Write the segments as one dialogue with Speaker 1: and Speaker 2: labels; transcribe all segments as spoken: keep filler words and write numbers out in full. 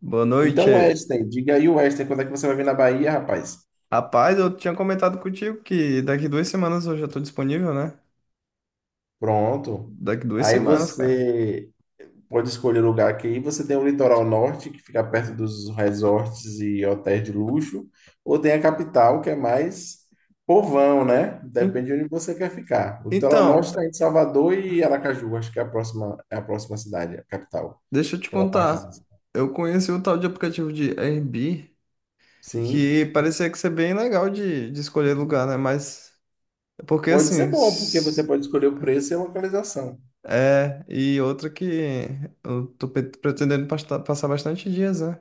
Speaker 1: Boa
Speaker 2: Então,
Speaker 1: noite.
Speaker 2: Western, diga aí, Western, quando é que você vai vir na Bahia, rapaz?
Speaker 1: Rapaz, eu tinha comentado contigo que daqui duas semanas eu já tô disponível, né?
Speaker 2: Pronto.
Speaker 1: Daqui duas
Speaker 2: Aí
Speaker 1: semanas, cara.
Speaker 2: você pode escolher o lugar aqui. Você tem o litoral norte, que fica perto dos resorts e hotéis de luxo, ou tem a capital, que é mais povão, né?
Speaker 1: En-
Speaker 2: Depende de onde você quer ficar. O litoral norte
Speaker 1: Então,
Speaker 2: está em Salvador e Aracaju, acho que é a próxima, é a próxima cidade, a capital.
Speaker 1: deixa eu te
Speaker 2: Aquela parte.
Speaker 1: contar. Eu conheci um tal de aplicativo de Airbnb
Speaker 2: Sim,
Speaker 1: que parecia que ser bem legal de, de escolher lugar, né? Mas, porque
Speaker 2: pode
Speaker 1: assim,
Speaker 2: ser bom, porque você
Speaker 1: s-
Speaker 2: pode escolher o preço e a localização.
Speaker 1: é, e outra que eu tô pe- pretendendo pasta- passar bastante dias, né?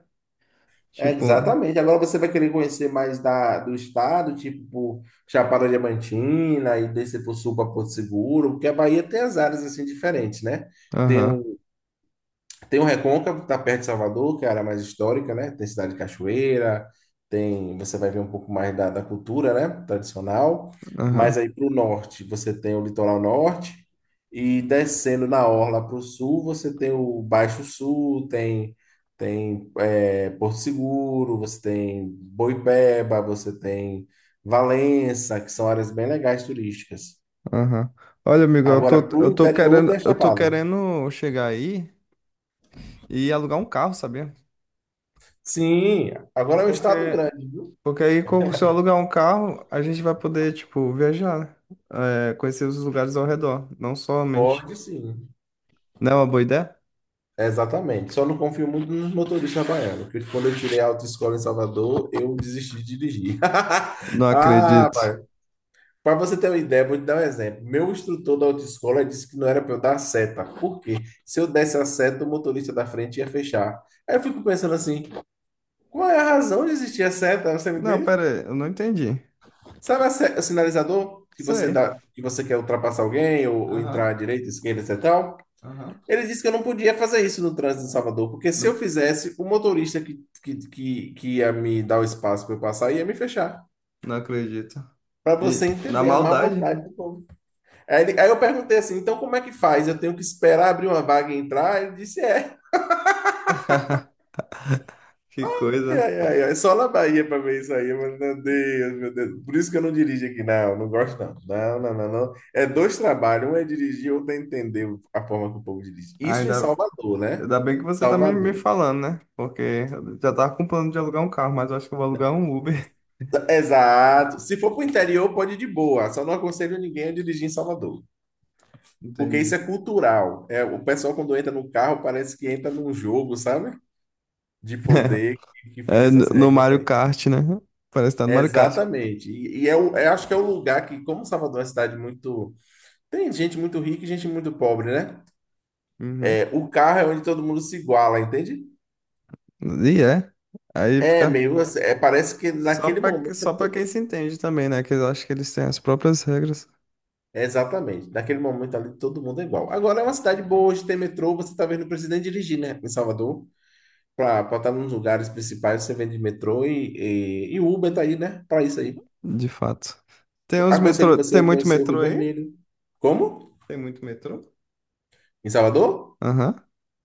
Speaker 2: É,
Speaker 1: Tipo,
Speaker 2: exatamente. Agora você vai querer conhecer mais da, do estado, tipo por Chapada Diamantina e descer para o sul para Porto Seguro, porque a Bahia tem as áreas assim diferentes, né? Tem
Speaker 1: aham,
Speaker 2: um tem o Recôncavo, que tá perto de Salvador, que é a área mais histórica, né? Tem Cidade de Cachoeira, tem, você vai ver um pouco mais da, da cultura, né? Tradicional.
Speaker 1: aham.
Speaker 2: Mas aí para o norte, você tem o litoral norte, e descendo na orla para o sul, você tem o Baixo Sul, tem, tem é, Porto Seguro, você tem Boipeba, você tem Valença, que são áreas bem legais turísticas.
Speaker 1: Aham. Olha, amigo, eu
Speaker 2: Agora,
Speaker 1: tô,
Speaker 2: para o
Speaker 1: eu tô
Speaker 2: interior, tem
Speaker 1: querendo,
Speaker 2: a
Speaker 1: eu tô
Speaker 2: Chapada.
Speaker 1: querendo chegar aí e alugar um carro, sabia?
Speaker 2: Sim, agora é um
Speaker 1: Porque,
Speaker 2: estado grande, viu?
Speaker 1: porque aí, com- se eu alugar um carro, a gente vai poder, tipo, viajar, né? É, conhecer os lugares ao redor, não somente.
Speaker 2: Pode sim,
Speaker 1: Não é uma boa ideia?
Speaker 2: exatamente. Só não confio muito nos motoristas baianos, porque quando eu tirei a autoescola em Salvador, eu desisti de dirigir.
Speaker 1: Não
Speaker 2: Ah,
Speaker 1: acredito.
Speaker 2: para você ter uma ideia, vou te dar um exemplo. Meu instrutor da autoescola disse que não era para eu dar a seta. Por quê? Se eu desse a seta, o motorista da frente ia fechar. Aí eu fico pensando assim, qual é a razão de existir a seta? Você me
Speaker 1: Não,
Speaker 2: entende?
Speaker 1: pera aí, eu não entendi.
Speaker 2: Sabe a se- o sinalizador que você
Speaker 1: Sei.
Speaker 2: dá, que você quer ultrapassar alguém ou, ou entrar à
Speaker 1: Aham,
Speaker 2: direita, esquerda, etecétera.
Speaker 1: aham.
Speaker 2: Ele disse que eu não podia fazer isso no trânsito de Salvador, porque se eu
Speaker 1: Não,
Speaker 2: fizesse, o motorista que, que, que, que ia me dar o espaço para eu passar ia me fechar.
Speaker 1: não acredito.
Speaker 2: Para você
Speaker 1: E na
Speaker 2: entender a má
Speaker 1: maldade?
Speaker 2: vontade do povo. Aí, ele- aí eu perguntei assim: então como é que faz? Eu tenho que esperar abrir uma vaga e entrar? Ele disse: é.
Speaker 1: Que coisa.
Speaker 2: Ai, ai, ai, só na Bahia para ver isso aí. Mas, meu Deus, meu Deus. Por isso que eu não dirijo aqui. Não, não gosto não. Não, não, não, não. É dois trabalhos: um é dirigir, outro é entender a forma que o povo dirige. Isso em
Speaker 1: Ainda,
Speaker 2: Salvador, né?
Speaker 1: Ainda bem que você tá me, me
Speaker 2: Salvador.
Speaker 1: falando, né? Porque eu já tava com plano de alugar um carro, mas eu acho que eu vou alugar um Uber.
Speaker 2: Exato. Se for para o interior, pode ir de boa. Só não aconselho ninguém a dirigir em Salvador. Porque isso
Speaker 1: Entendi.
Speaker 2: é cultural. É, o pessoal, quando entra no carro, parece que entra num jogo, sabe? De poder que fica
Speaker 1: É, no
Speaker 2: essas
Speaker 1: no
Speaker 2: regras
Speaker 1: Mario
Speaker 2: aí.
Speaker 1: Kart, né? Parece que tá no Mario Kart.
Speaker 2: Exatamente. E, e é o- eu acho que é o lugar que, como Salvador é uma cidade muito. Tem gente muito rica e gente muito pobre, né?
Speaker 1: Uhum.
Speaker 2: É, o carro é onde todo mundo se iguala, entende?
Speaker 1: E é. Aí
Speaker 2: É
Speaker 1: fica.
Speaker 2: meio assim, é, parece que
Speaker 1: Só
Speaker 2: naquele
Speaker 1: pra,
Speaker 2: momento.
Speaker 1: só pra quem se entende também, né? Que eu acho que eles têm as próprias regras,
Speaker 2: Exatamente. Daquele momento ali, todo mundo é igual. Agora é uma cidade boa, hoje tem metrô, você tá vendo o presidente dirigir, né? Em Salvador, para estar nos lugares principais, você vende metrô e, e, e Uber tá aí, né? Para isso aí.
Speaker 1: de fato. Tem uns
Speaker 2: Aconselho
Speaker 1: metrô.
Speaker 2: você
Speaker 1: Tem
Speaker 2: a
Speaker 1: muito
Speaker 2: conhecer o
Speaker 1: metrô
Speaker 2: Rio
Speaker 1: aí?
Speaker 2: Vermelho. Como?
Speaker 1: Tem muito metrô?
Speaker 2: Em Salvador?
Speaker 1: Aham,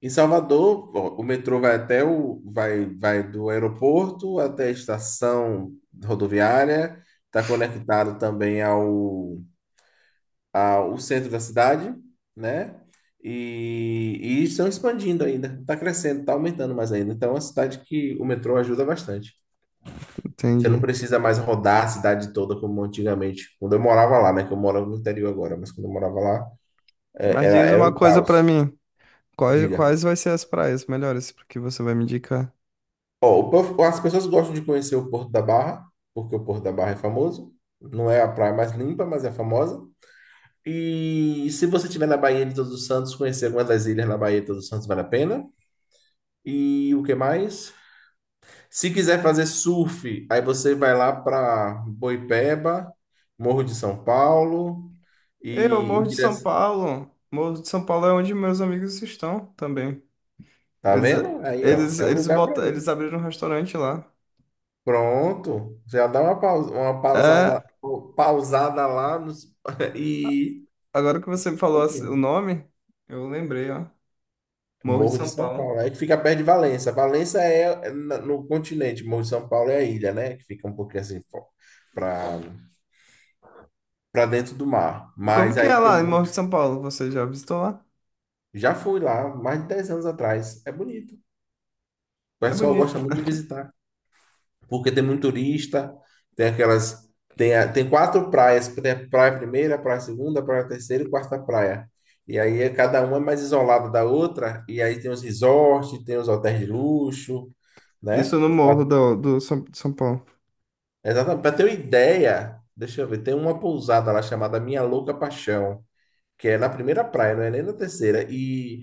Speaker 2: Em Salvador, ó, o metrô vai até o, vai, vai do aeroporto até a estação rodoviária, está conectado também ao, a- o centro da cidade, né? E, e estão expandindo ainda, está crescendo, está aumentando mais ainda. Então, é uma cidade que o metrô ajuda bastante. Você não
Speaker 1: entendi.
Speaker 2: precisa mais rodar a cidade toda como antigamente, quando eu morava lá, né? Que eu moro no interior agora, mas quando eu morava lá, é,
Speaker 1: Mas
Speaker 2: era,
Speaker 1: diz
Speaker 2: era
Speaker 1: uma
Speaker 2: um
Speaker 1: coisa pra
Speaker 2: caos.
Speaker 1: mim. Quais,
Speaker 2: Diga.
Speaker 1: quais vai ser as praias melhores que você vai me indicar?
Speaker 2: Ó, o povo- as pessoas gostam de conhecer o Porto da Barra, porque o Porto da Barra é famoso. Não é a praia mais limpa, mas é famosa. E se você estiver na Baía de Todos os Santos, conhecer alguma das ilhas na Baía de Todos os Santos vale a pena. E o que mais? Se quiser fazer surf, aí você vai lá para Boipeba, Morro de São Paulo
Speaker 1: Eu,
Speaker 2: e em
Speaker 1: Morro de São
Speaker 2: direção.
Speaker 1: Paulo. Morro de São Paulo é onde meus amigos estão também.
Speaker 2: Tá
Speaker 1: Eles,
Speaker 2: vendo? Aí, ó,
Speaker 1: eles,
Speaker 2: é o
Speaker 1: eles,
Speaker 2: lugar para
Speaker 1: botam,
Speaker 2: ir.
Speaker 1: eles abriram um restaurante lá.
Speaker 2: Pronto, já dá uma pausa, uma pausada,
Speaker 1: É,
Speaker 2: pausada lá nos- e
Speaker 1: agora que você me
Speaker 2: curte um
Speaker 1: falou assim, o
Speaker 2: pouquinho.
Speaker 1: nome, eu lembrei, ó. Morro de
Speaker 2: Morro de
Speaker 1: São
Speaker 2: São
Speaker 1: Paulo.
Speaker 2: Paulo, aí que fica perto de Valença. Valença é é na- no continente, Morro de São Paulo é a ilha, né? Que fica um pouquinho assim para para dentro do mar.
Speaker 1: E como
Speaker 2: Mas
Speaker 1: que é
Speaker 2: aí
Speaker 1: lá
Speaker 2: tem
Speaker 1: em Morro de São Paulo? Você já visitou lá?
Speaker 2: Já fui lá mais de dez anos atrás. É bonito. O
Speaker 1: É
Speaker 2: pessoal
Speaker 1: bonito.
Speaker 2: gosta muito de visitar, porque tem muito turista, tem aquelas. Tem, a- tem quatro praias, tem a praia primeira, praia segunda, praia terceira e quarta praia. E aí é- cada uma é mais isolada da outra, e aí tem os resorts, tem os hotéis de luxo, né?
Speaker 1: Isso no
Speaker 2: Pra-
Speaker 1: Morro do, do São, de São Paulo.
Speaker 2: Exatamente, para ter uma ideia, deixa eu ver, tem uma pousada lá chamada Minha Louca Paixão, que é na primeira praia, não é nem na terceira. E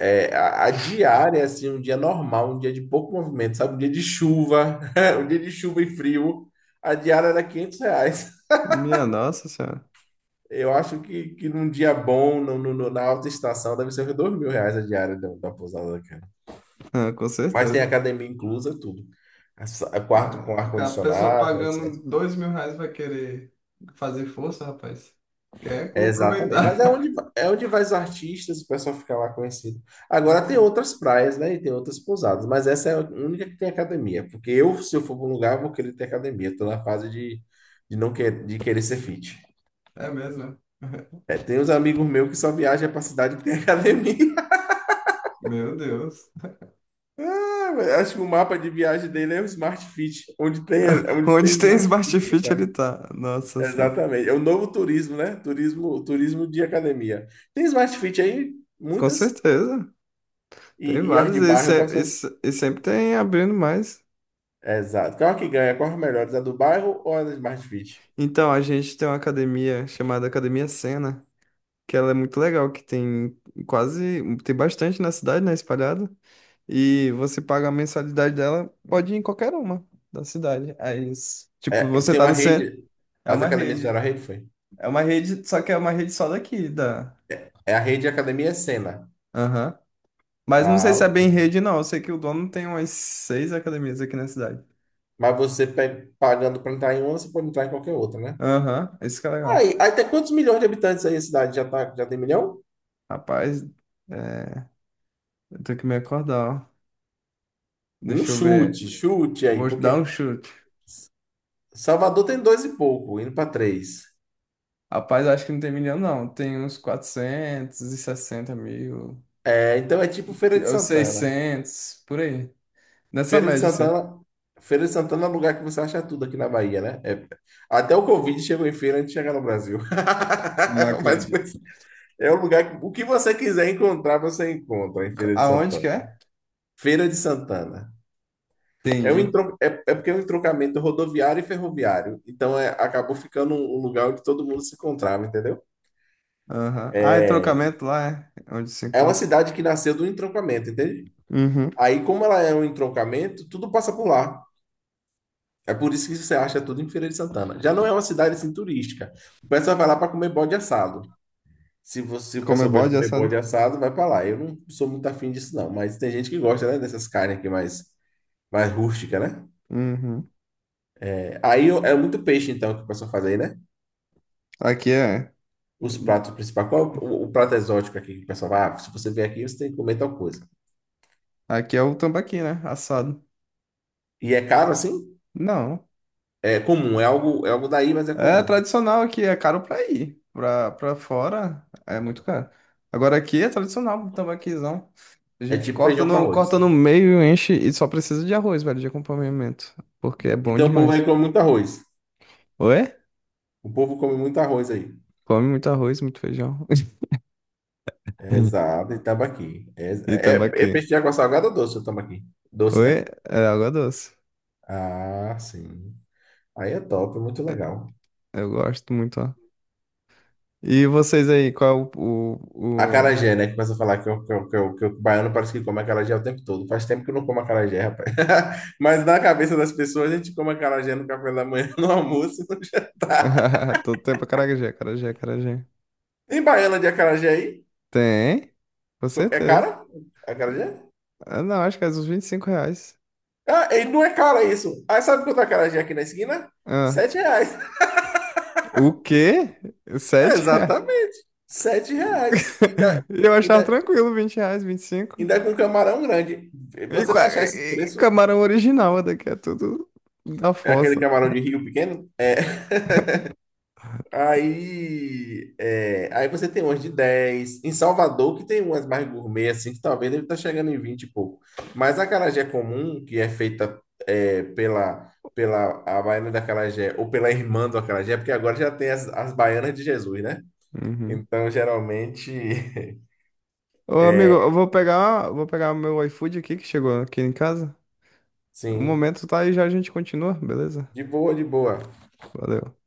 Speaker 2: É, a, a diária, assim, um dia normal, um dia de pouco movimento, sabe? Um dia de chuva, um dia de chuva e frio, a diária era quinhentos reais.
Speaker 1: Minha nossa senhora.
Speaker 2: Eu acho que, que num dia bom, no, no- no- na alta estação, deve ser uns dois mil reais mil reais a diária da, da pousada, cara.
Speaker 1: Ah, com
Speaker 2: Mas tem
Speaker 1: certeza.
Speaker 2: academia inclusa, tudo. A sa- Quarto com
Speaker 1: É, a pessoa
Speaker 2: ar-condicionado,
Speaker 1: pagando
Speaker 2: etecétera.
Speaker 1: dois mil reais vai querer fazer força, rapaz. Quer
Speaker 2: É, exatamente. Mas
Speaker 1: aproveitar.
Speaker 2: é onde, é onde vai os artistas, o pessoal fica lá conhecido. Agora tem
Speaker 1: Nossa.
Speaker 2: outras praias, né? E tem outras pousadas, mas essa é a única que tem academia. Porque eu, se eu for para um lugar, eu vou querer ter academia. Estou na fase de, de não quer, de querer ser fit.
Speaker 1: É mesmo?
Speaker 2: É, tem uns amigos meus que só viajam para cidade que tem academia.
Speaker 1: Meu Deus.
Speaker 2: Acho que o mapa de viagem dele é o Smart Fit. Onde tem, onde tem
Speaker 1: Onde tem
Speaker 2: Smart
Speaker 1: Smart
Speaker 2: Fit, ele
Speaker 1: Fit ele
Speaker 2: vai.
Speaker 1: tá? Nossa Senhora.
Speaker 2: Exatamente. É o novo turismo, né? Turismo, turismo de academia. Tem Smart Fit aí,
Speaker 1: Com
Speaker 2: muitas.
Speaker 1: certeza. Tem
Speaker 2: E, e as
Speaker 1: vários
Speaker 2: de
Speaker 1: e,
Speaker 2: bairro,
Speaker 1: se-
Speaker 2: quais são?
Speaker 1: e se- e sempre tem abrindo mais.
Speaker 2: Exato. Qual é que ganha? Qual é a melhores? A do bairro ou a da Smart Fit?
Speaker 1: Então, a gente tem uma academia chamada Academia Sena, que ela é muito legal, que tem quase, tem bastante na cidade, né, espalhada. E você paga a mensalidade dela, pode ir em qualquer uma da cidade. Aí, s- tipo,
Speaker 2: É,
Speaker 1: você
Speaker 2: tem
Speaker 1: tá
Speaker 2: uma
Speaker 1: no centro,
Speaker 2: rede.
Speaker 1: é
Speaker 2: As
Speaker 1: uma
Speaker 2: academias fizeram
Speaker 1: rede.
Speaker 2: a rede, foi?
Speaker 1: É uma rede, só que é uma rede só daqui, da...
Speaker 2: É a rede Academia Sena.
Speaker 1: Aham. Mas não sei
Speaker 2: Ah,
Speaker 1: se é
Speaker 2: ok.
Speaker 1: bem rede, não. Eu sei que o dono tem umas seis academias aqui na cidade.
Speaker 2: Mas você pe- pagando para entrar em uma, você pode entrar em qualquer outra, né?
Speaker 1: Aham, isso que é legal.
Speaker 2: Aí, aí tem quantos milhões de habitantes aí a cidade? Já, tá, já tem milhão?
Speaker 1: Rapaz, é, eu tenho que me acordar, ó.
Speaker 2: Um
Speaker 1: Deixa eu ver.
Speaker 2: chute, chute aí,
Speaker 1: Vou dar um
Speaker 2: porque
Speaker 1: chute.
Speaker 2: Salvador tem dois e pouco, indo para três.
Speaker 1: Rapaz, acho que não tem milhão, não. Tem uns quatrocentos e sessenta mil,
Speaker 2: É, então é tipo Feira
Speaker 1: que-
Speaker 2: de
Speaker 1: ou
Speaker 2: Santana.
Speaker 1: seiscentos por aí. Nessa
Speaker 2: Feira de
Speaker 1: média, assim.
Speaker 2: Santana, Feira de Santana é um lugar que você acha tudo aqui na Bahia, né? É- até o Covid chegou em feira antes de chegar no Brasil.
Speaker 1: Não
Speaker 2: Mas
Speaker 1: acredito.
Speaker 2: pois, é um lugar que o que você quiser encontrar, você encontra em Feira de
Speaker 1: Aonde
Speaker 2: Santana.
Speaker 1: que é?
Speaker 2: Feira de Santana. É, um
Speaker 1: Entendi.
Speaker 2: entro, é, é porque é um entroncamento rodoviário e ferroviário. Então é, acabou ficando um, um lugar onde todo mundo se encontrava, entendeu?
Speaker 1: Aham. Ah, e trocamento lá é É onde se
Speaker 2: É uma
Speaker 1: encontra.
Speaker 2: cidade que nasceu do entroncamento, entende?
Speaker 1: Uhum.
Speaker 2: Aí, como ela é um entroncamento, tudo passa por lá. É por isso que você acha tudo em Feira de Santana. Já não é uma cidade assim turística. O pessoal vai lá para comer bode assado. Se você, o
Speaker 1: Como é
Speaker 2: pessoal gosta de
Speaker 1: bode é
Speaker 2: comer
Speaker 1: assado.
Speaker 2: bode assado, vai para lá. Eu não sou muito afim disso, não. Mas tem gente que gosta, né? Dessas carnes aqui mais, mais, rústica, né?
Speaker 1: Uhum.
Speaker 2: É, aí eu- é muito peixe, então, que o pessoal faz aí, né?
Speaker 1: Aqui é.
Speaker 2: Os pratos principais. Qual é o, o prato exótico aqui que o pessoal vai? Ah, se você vier aqui, você tem que comer tal coisa.
Speaker 1: Aqui é o tambaqui, né? Assado.
Speaker 2: E é caro assim?
Speaker 1: Não.
Speaker 2: É comum. É algo, é algo daí, mas é
Speaker 1: É
Speaker 2: comum.
Speaker 1: tradicional aqui, é caro pra ir. Pra, pra fora é muito caro. Agora aqui é tradicional o tambaquizão. A
Speaker 2: É
Speaker 1: gente
Speaker 2: tipo
Speaker 1: corta
Speaker 2: feijão com
Speaker 1: no,
Speaker 2: arroz.
Speaker 1: corta no meio, enche e só precisa de arroz, velho, de acompanhamento. Porque é bom
Speaker 2: Então o povo aí
Speaker 1: demais.
Speaker 2: come muito arroz.
Speaker 1: Oi?
Speaker 2: O povo come muito arroz aí.
Speaker 1: Come muito arroz, muito feijão.
Speaker 2: Exato, e tambaqui. É,
Speaker 1: E
Speaker 2: é, é
Speaker 1: tambaqui.
Speaker 2: peixe de água salgada ou doce o tambaqui? Doce,
Speaker 1: Oi?
Speaker 2: né?
Speaker 1: É água doce.
Speaker 2: Ah, sim. Aí é top, muito legal.
Speaker 1: Eu gosto muito, ó. E vocês aí, qual é o, o... o-
Speaker 2: Acarajé, né? Que começa a falar que, o- que, o- que, o- que o baiano parece que come acarajé o tempo todo. Faz tempo que eu não como acarajé, rapaz. Mas na cabeça das pessoas, a gente come acarajé no café da manhã, no almoço. no
Speaker 1: Todo tempo é acarajé, acarajé, acarajé.
Speaker 2: Tem baiana de acarajé aí?
Speaker 1: Tem, com
Speaker 2: É
Speaker 1: certeza.
Speaker 2: cara? Acarajé?
Speaker 1: Ah, não, acho que é uns vinte e cinco reais.
Speaker 2: Ah, e não é cara isso. Aí sabe quanto é acarajé aqui na esquina?
Speaker 1: Ah,
Speaker 2: Sete reais.
Speaker 1: o quê? Sete reais?
Speaker 2: Exatamente. Sete reais. E
Speaker 1: Eu achava
Speaker 2: Ainda,
Speaker 1: tranquilo, vinte reais, vinte e cinco.
Speaker 2: Ainda com um camarão grande.
Speaker 1: E, cinco. E,
Speaker 2: Você vai
Speaker 1: qua-
Speaker 2: achar esse
Speaker 1: e
Speaker 2: preço,
Speaker 1: camarão original, daqui é tudo da
Speaker 2: é aquele
Speaker 1: fossa.
Speaker 2: camarão de rio pequeno. Aí, é, aí você tem umas de dez em Salvador, que tem umas mais gourmet, assim, que talvez deve estar chegando em vinte e pouco. Mas a acarajé comum, que é feita é, pela, pela a baiana da acarajé, ou pela irmã do acarajé, porque agora já tem as, as baianas de Jesus, né?
Speaker 1: Uhum.
Speaker 2: Então, geralmente,
Speaker 1: Ô, amigo, eu vou pegar, vou pegar o meu iFood aqui que chegou aqui em casa. Um
Speaker 2: sim,
Speaker 1: momento, tá? E já a gente continua, beleza?
Speaker 2: de boa, de boa.
Speaker 1: Valeu.